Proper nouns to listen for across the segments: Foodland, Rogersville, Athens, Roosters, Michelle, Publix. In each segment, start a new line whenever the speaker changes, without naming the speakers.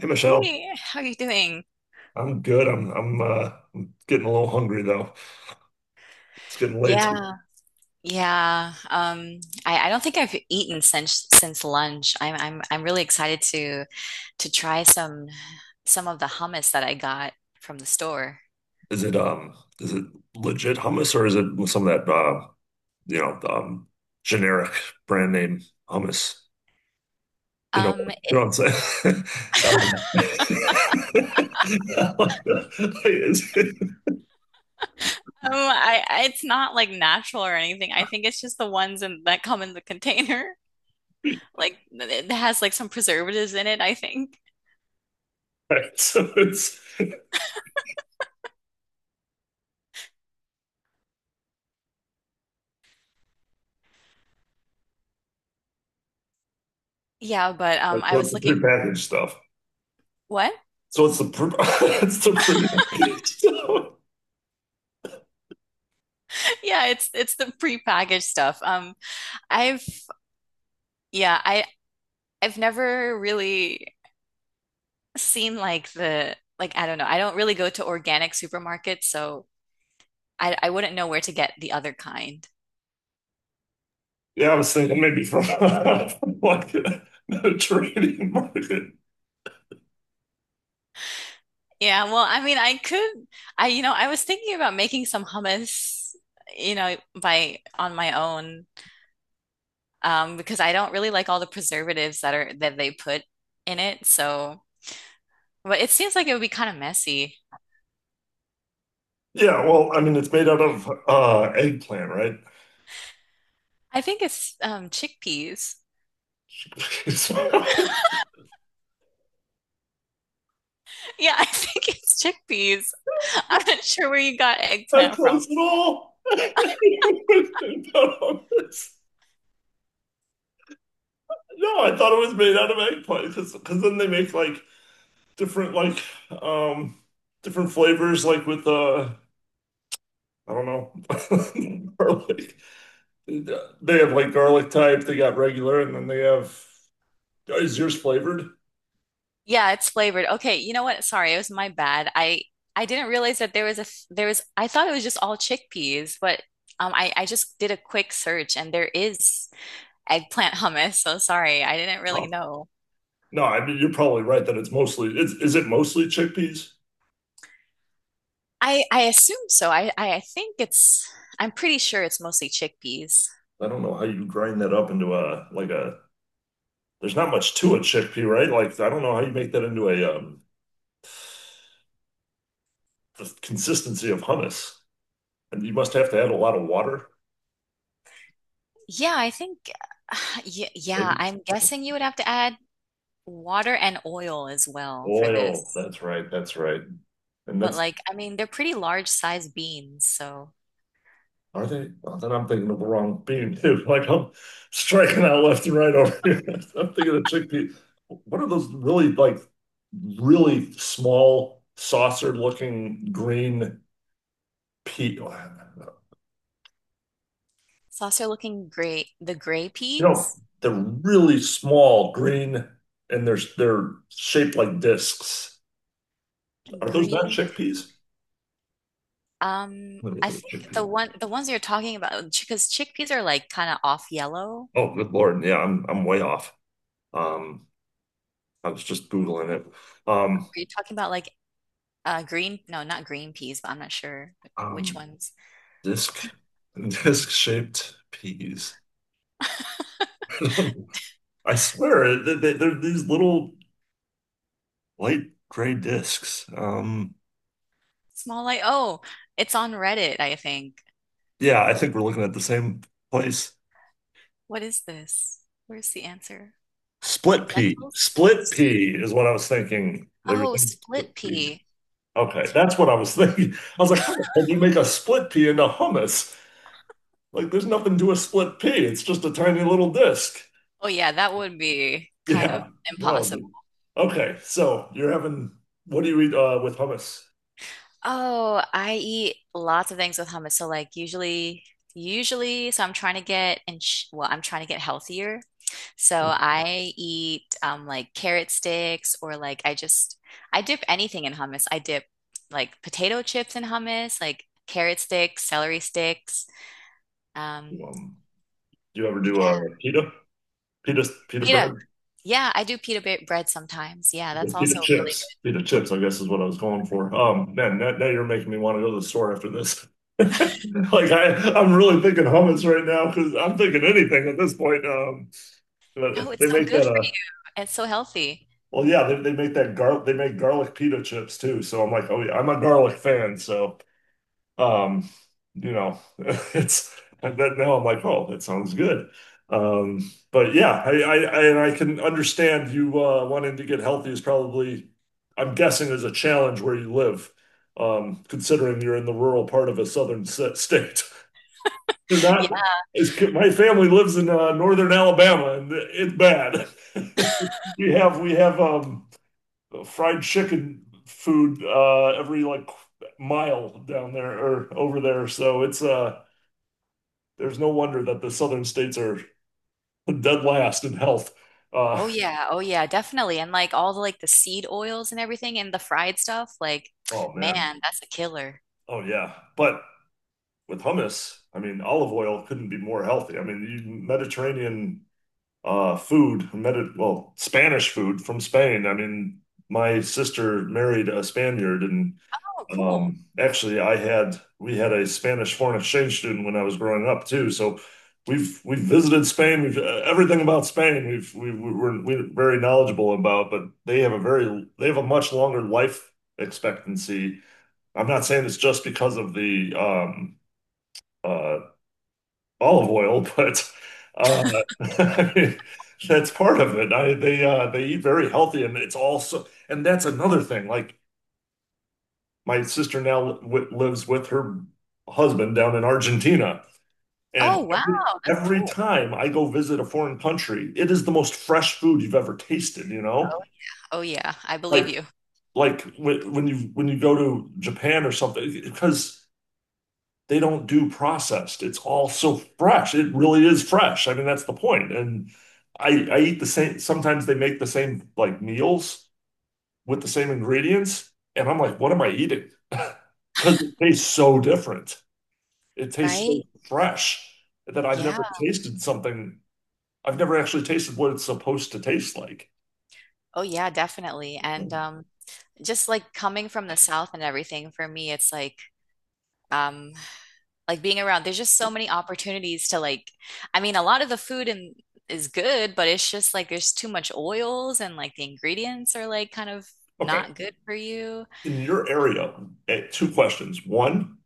Hey Michelle,
Hey, how are you doing?
I'm good. I'm I'm getting a little hungry though. It's getting late.
Yeah, yeah. I don't think I've eaten since lunch. I'm really excited to try some of the hummus that I got from the store.
Is it, is it legit hummus or is it with some of that you know um generic brand name hummus? You know
Um,
you
it,
know what I'm saying? Um, like, is it-
I it's not like natural or anything. I think it's just the ones in, that come in the container. Like it has like some preservatives in it, I think.
right, so
Yeah, but I
it's
was
the
looking.
prepackaged stuff.
What?
So it's the pre it's the prepackaged stuff.
Yeah, it's the prepackaged stuff. I've yeah, I I've never really seen like the like I don't know. I don't really go to organic supermarkets, so I wouldn't know where to get the other kind.
Yeah, I was thinking maybe from from like a trading market.
Yeah, well, I mean, I could I you know, I was thinking about making some hummus, you know, by on my own because I don't really like all the preservatives that they put in it. So, but it seems like it would be kind of messy.
Yeah, well, I mean, it's made out of eggplant, right?
I think it's chickpeas. Yeah, I think it's chickpeas. I'm not sure where you got
It's not
eggplant from.
close at all. Not on this. No, I thought it was made out of eggplant because then they make different like um different flavors like with I don't know garlic. They have like garlic type. They got regular, and then they have. Oh, is yours flavored?
Yeah, it's flavored. Okay, you know what? Sorry, it was my bad. I didn't realize that there was I thought it was just all chickpeas, but I just did a quick search and there is eggplant hummus. So sorry, I didn't really know.
No, I mean, you're probably right that it's mostly is it mostly chickpeas?
I assume so. I think it's I'm pretty sure it's mostly chickpeas.
I don't know how you grind that up into a like a there's not much to a chickpea, right? Like I don't know how you make that into a the consistency of hummus. And you must have to add a lot of water,
Yeah, I think yeah,
maybe
I'm guessing you would have to add water and oil as well for
oil.
this.
That's right, that's right. And
But
that's
like, I mean, they're pretty large size beans, so
are they? Oh, then I'm thinking of the wrong bean too. Like I'm striking out left and right over here. I'm thinking of chickpea. What are those really small saucer looking green pea, you
It's also looking great. The gray
know,
peas
they're really small, green, and they're shaped like discs.
and
Are those not
green.
chickpeas? Let me look
I
at a
think
chickpea.
the ones you're talking about, because chickpeas are like kind of off yellow.
Oh, good Lord. Yeah, I'm way off. Um, I was just Googling it.
Are
Um,
you talking about like green? No, not green peas, but I'm not sure which
um,
ones.
disc disc shaped peas. I swear they're these little light gray discs.
Small light. Oh, it's on Reddit, I think.
Yeah, I think we're looking at the same place.
What is this? Where's the answer?
Split pea.
Lentils?
Split pea is what I was thinking. They were
Oh,
thinking split
split
pea.
pea.
Okay, that's what I was thinking. I was like, how the hell do you make a split pea into hummus? Like, there's nothing to a split pea. It's just a tiny little disc.
Oh yeah, that would be kind of
Yeah. No, dude.
impossible.
Okay, so you're having what do you eat with hummus?
Oh, I eat lots of things with hummus. So like usually so I'm trying to get and sh well, I'm trying to get healthier. So
Hmm.
I eat like carrot sticks or like I just I dip anything in hummus. I dip like potato chips in hummus, like carrot sticks, celery sticks. Um
Um, do you ever do
yeah,
pita? Pita
pita.
bread?
Yeah, I do pita bre- bread sometimes. Yeah, that's
Pita
also really
chips. Pita chips, I guess, is what I was going for. Man, now you're making me want to go to the store after this. Like I, I'm really thinking hummus right now because I'm thinking anything at this point.
good. No,
But they
it's so
make
good
that
for you. It's so healthy.
well, yeah, they make that gar they make garlic pita chips too. So I'm like, oh yeah, I'm a garlic fan, so um, you know, it's and that now I'm like, oh, that sounds good. But yeah, I and I can understand you wanting to get healthy is probably, I'm guessing, is a challenge where you live, considering you're in the rural part of a southern state. They're not, it's, my family lives in northern Alabama and it's bad. We have fried chicken food every like mile down there or over there. So it's there's no wonder that the southern states are dead last in health. Uh,
Oh yeah, oh yeah, definitely. And like all the like the seed oils and everything and the fried stuff, like
oh man,
man, that's a killer.
oh yeah. But with hummus, I mean, olive oil couldn't be more healthy. I mean, you, Mediterranean food, Medi well, Spanish food from Spain. I mean, my sister married a Spaniard, and
Oh, cool.
um, actually, I had we had a Spanish foreign exchange student when I was growing up too. So we've visited Spain. We've everything about Spain. We've we- we're very knowledgeable about. But they have a very they have a much longer life expectancy. I'm not saying it's just because of the uh, olive oil, but uh, I mean, that's part of it. They eat very healthy, and it's also and that's another thing. Like my sister now w lives with her husband down in Argentina. And
Oh wow, that's
every
cool.
time I go visit a foreign country, it is the most fresh food you've ever tasted, you know?
Oh yeah. Oh yeah, I believe
Like
you.
like when you go to Japan or something, because they don't do processed. It's all so fresh. It really is fresh. I mean, that's the point. And I eat the same, sometimes they make the same like meals with the same ingredients, and I'm like, what am I eating? Because it tastes so different. It tastes so
Right?
fresh that I've
Yeah.
never tasted something. I've never actually tasted what it's supposed to taste like.
Oh yeah, definitely. And just like coming from the South and everything, for me, it's um like being around, there's just so many opportunities to like I mean, a lot of the food and is good, but it's just like there's too much oils and like the ingredients are like kind of
Okay.
not good for you.
In your area, eh, two questions. One,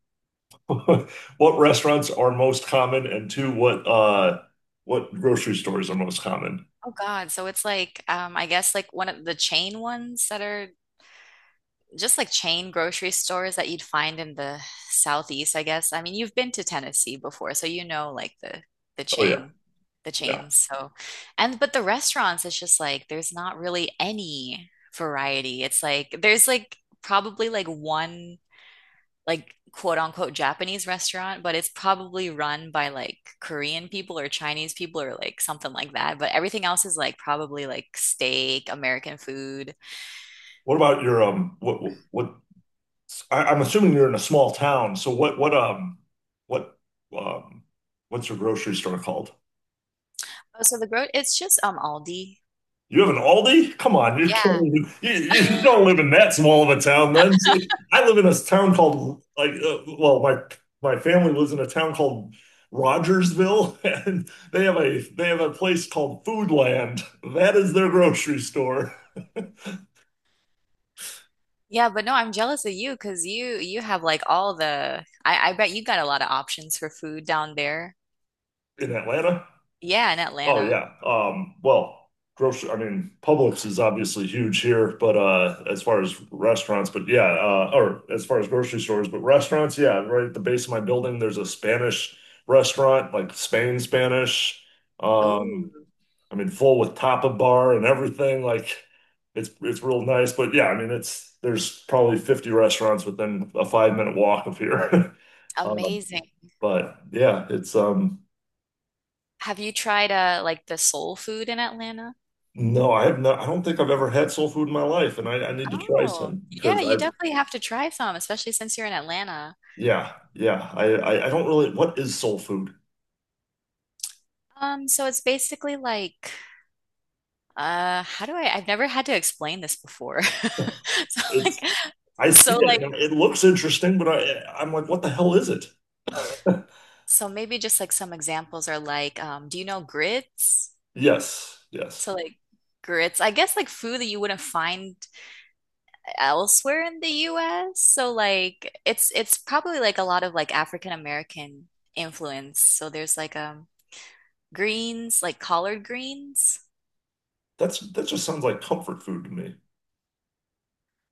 what restaurants are most common? And two, what grocery stores are most common?
Oh God. So it's like I guess like one of the chain ones that are just like chain grocery stores that you'd find in the southeast, I guess. I mean, you've been to Tennessee before, so you know like the
Oh yeah,
chain the
yeah.
chains. So and but the restaurants it's just like there's not really any variety. It's like there's like probably like one like quote unquote Japanese restaurant, but it's probably run by like Korean people or Chinese people or like something like that. But everything else is like probably like steak, American food.
What about your what I, I'm assuming you're in a small town, so what um what's your grocery store called?
Oh, so the growth it's just Aldi.
You have an Aldi? Come on, you can't.
Yeah.
Even, you you don't live in that small of a town. Then see, I live in a town called like well, my family lives in a town called Rogersville, and they have a place called Foodland. That is their grocery store
Yeah, but no, I'm jealous of you because you have like all the I bet you got a lot of options for food down there.
in Atlanta.
Yeah, in
Oh
Atlanta.
yeah. Well, grocery, I mean, Publix is obviously huge here, but as far as restaurants, but yeah, or as far as grocery stores, but restaurants, yeah, right at the base of my building there's a Spanish restaurant, like Spain Spanish. Um,
Ooh,
I mean, full with tapa bar and everything, like it's real nice, but yeah, I mean, it's there's probably 50 restaurants within a 5-minute walk of here. Um,
amazing.
but yeah, it's
Have you tried like the soul food in Atlanta?
no, I have not. I don't think I've ever had soul food in my life, and I need to try
Oh,
some
yeah,
because
you
I,
definitely have to try some, especially since you're in Atlanta.
yeah, yeah. I don't really. What is soul food?
So it's basically like, how do I, I've never had to explain this before. So
It's.
like,
I see
so like,
it. And it looks interesting, but I'm like, what the hell is it?
so maybe just like some examples are like, do you know grits?
Yes,
So
yes.
like grits, I guess like food that you wouldn't find elsewhere in the US. So like, it's probably like a lot of like African American influence. So there's like, greens, like collard greens.
That's that just sounds like comfort food to me.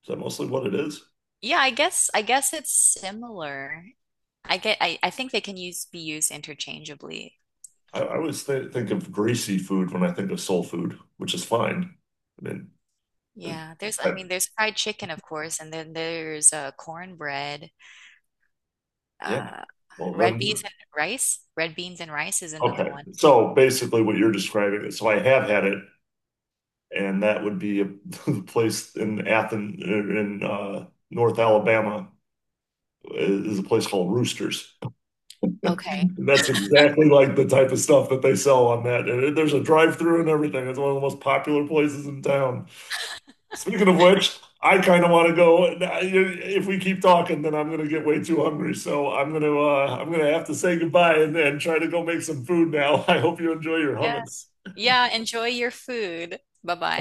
Is that mostly what it is?
Yeah, I guess it's similar. I think they can use be used interchangeably.
I always th think of greasy food when I think of soul food, which is fine. I mean, uh,
Yeah, there's I mean
I-
there's fried chicken of course and then there's cornbread,
yeah.
uh
Well,
red beans
then,
and rice. Red beans and rice is another
okay.
one.
So basically, what you're describing is, so I have had it. And that would be a the place in Athens in North Alabama is a place called Roosters.
Okay.
That's exactly like the type of stuff that they sell on that. And there's a drive-through and everything. It's one of the most popular places in town. Speaking of which, I kind of want to go. And if we keep talking, then I'm going to get way too hungry. So I'm going to have to say goodbye and try to go make some food now. I hope you enjoy your
Yeah.
hummus.
Yeah, enjoy your food. Bye-bye.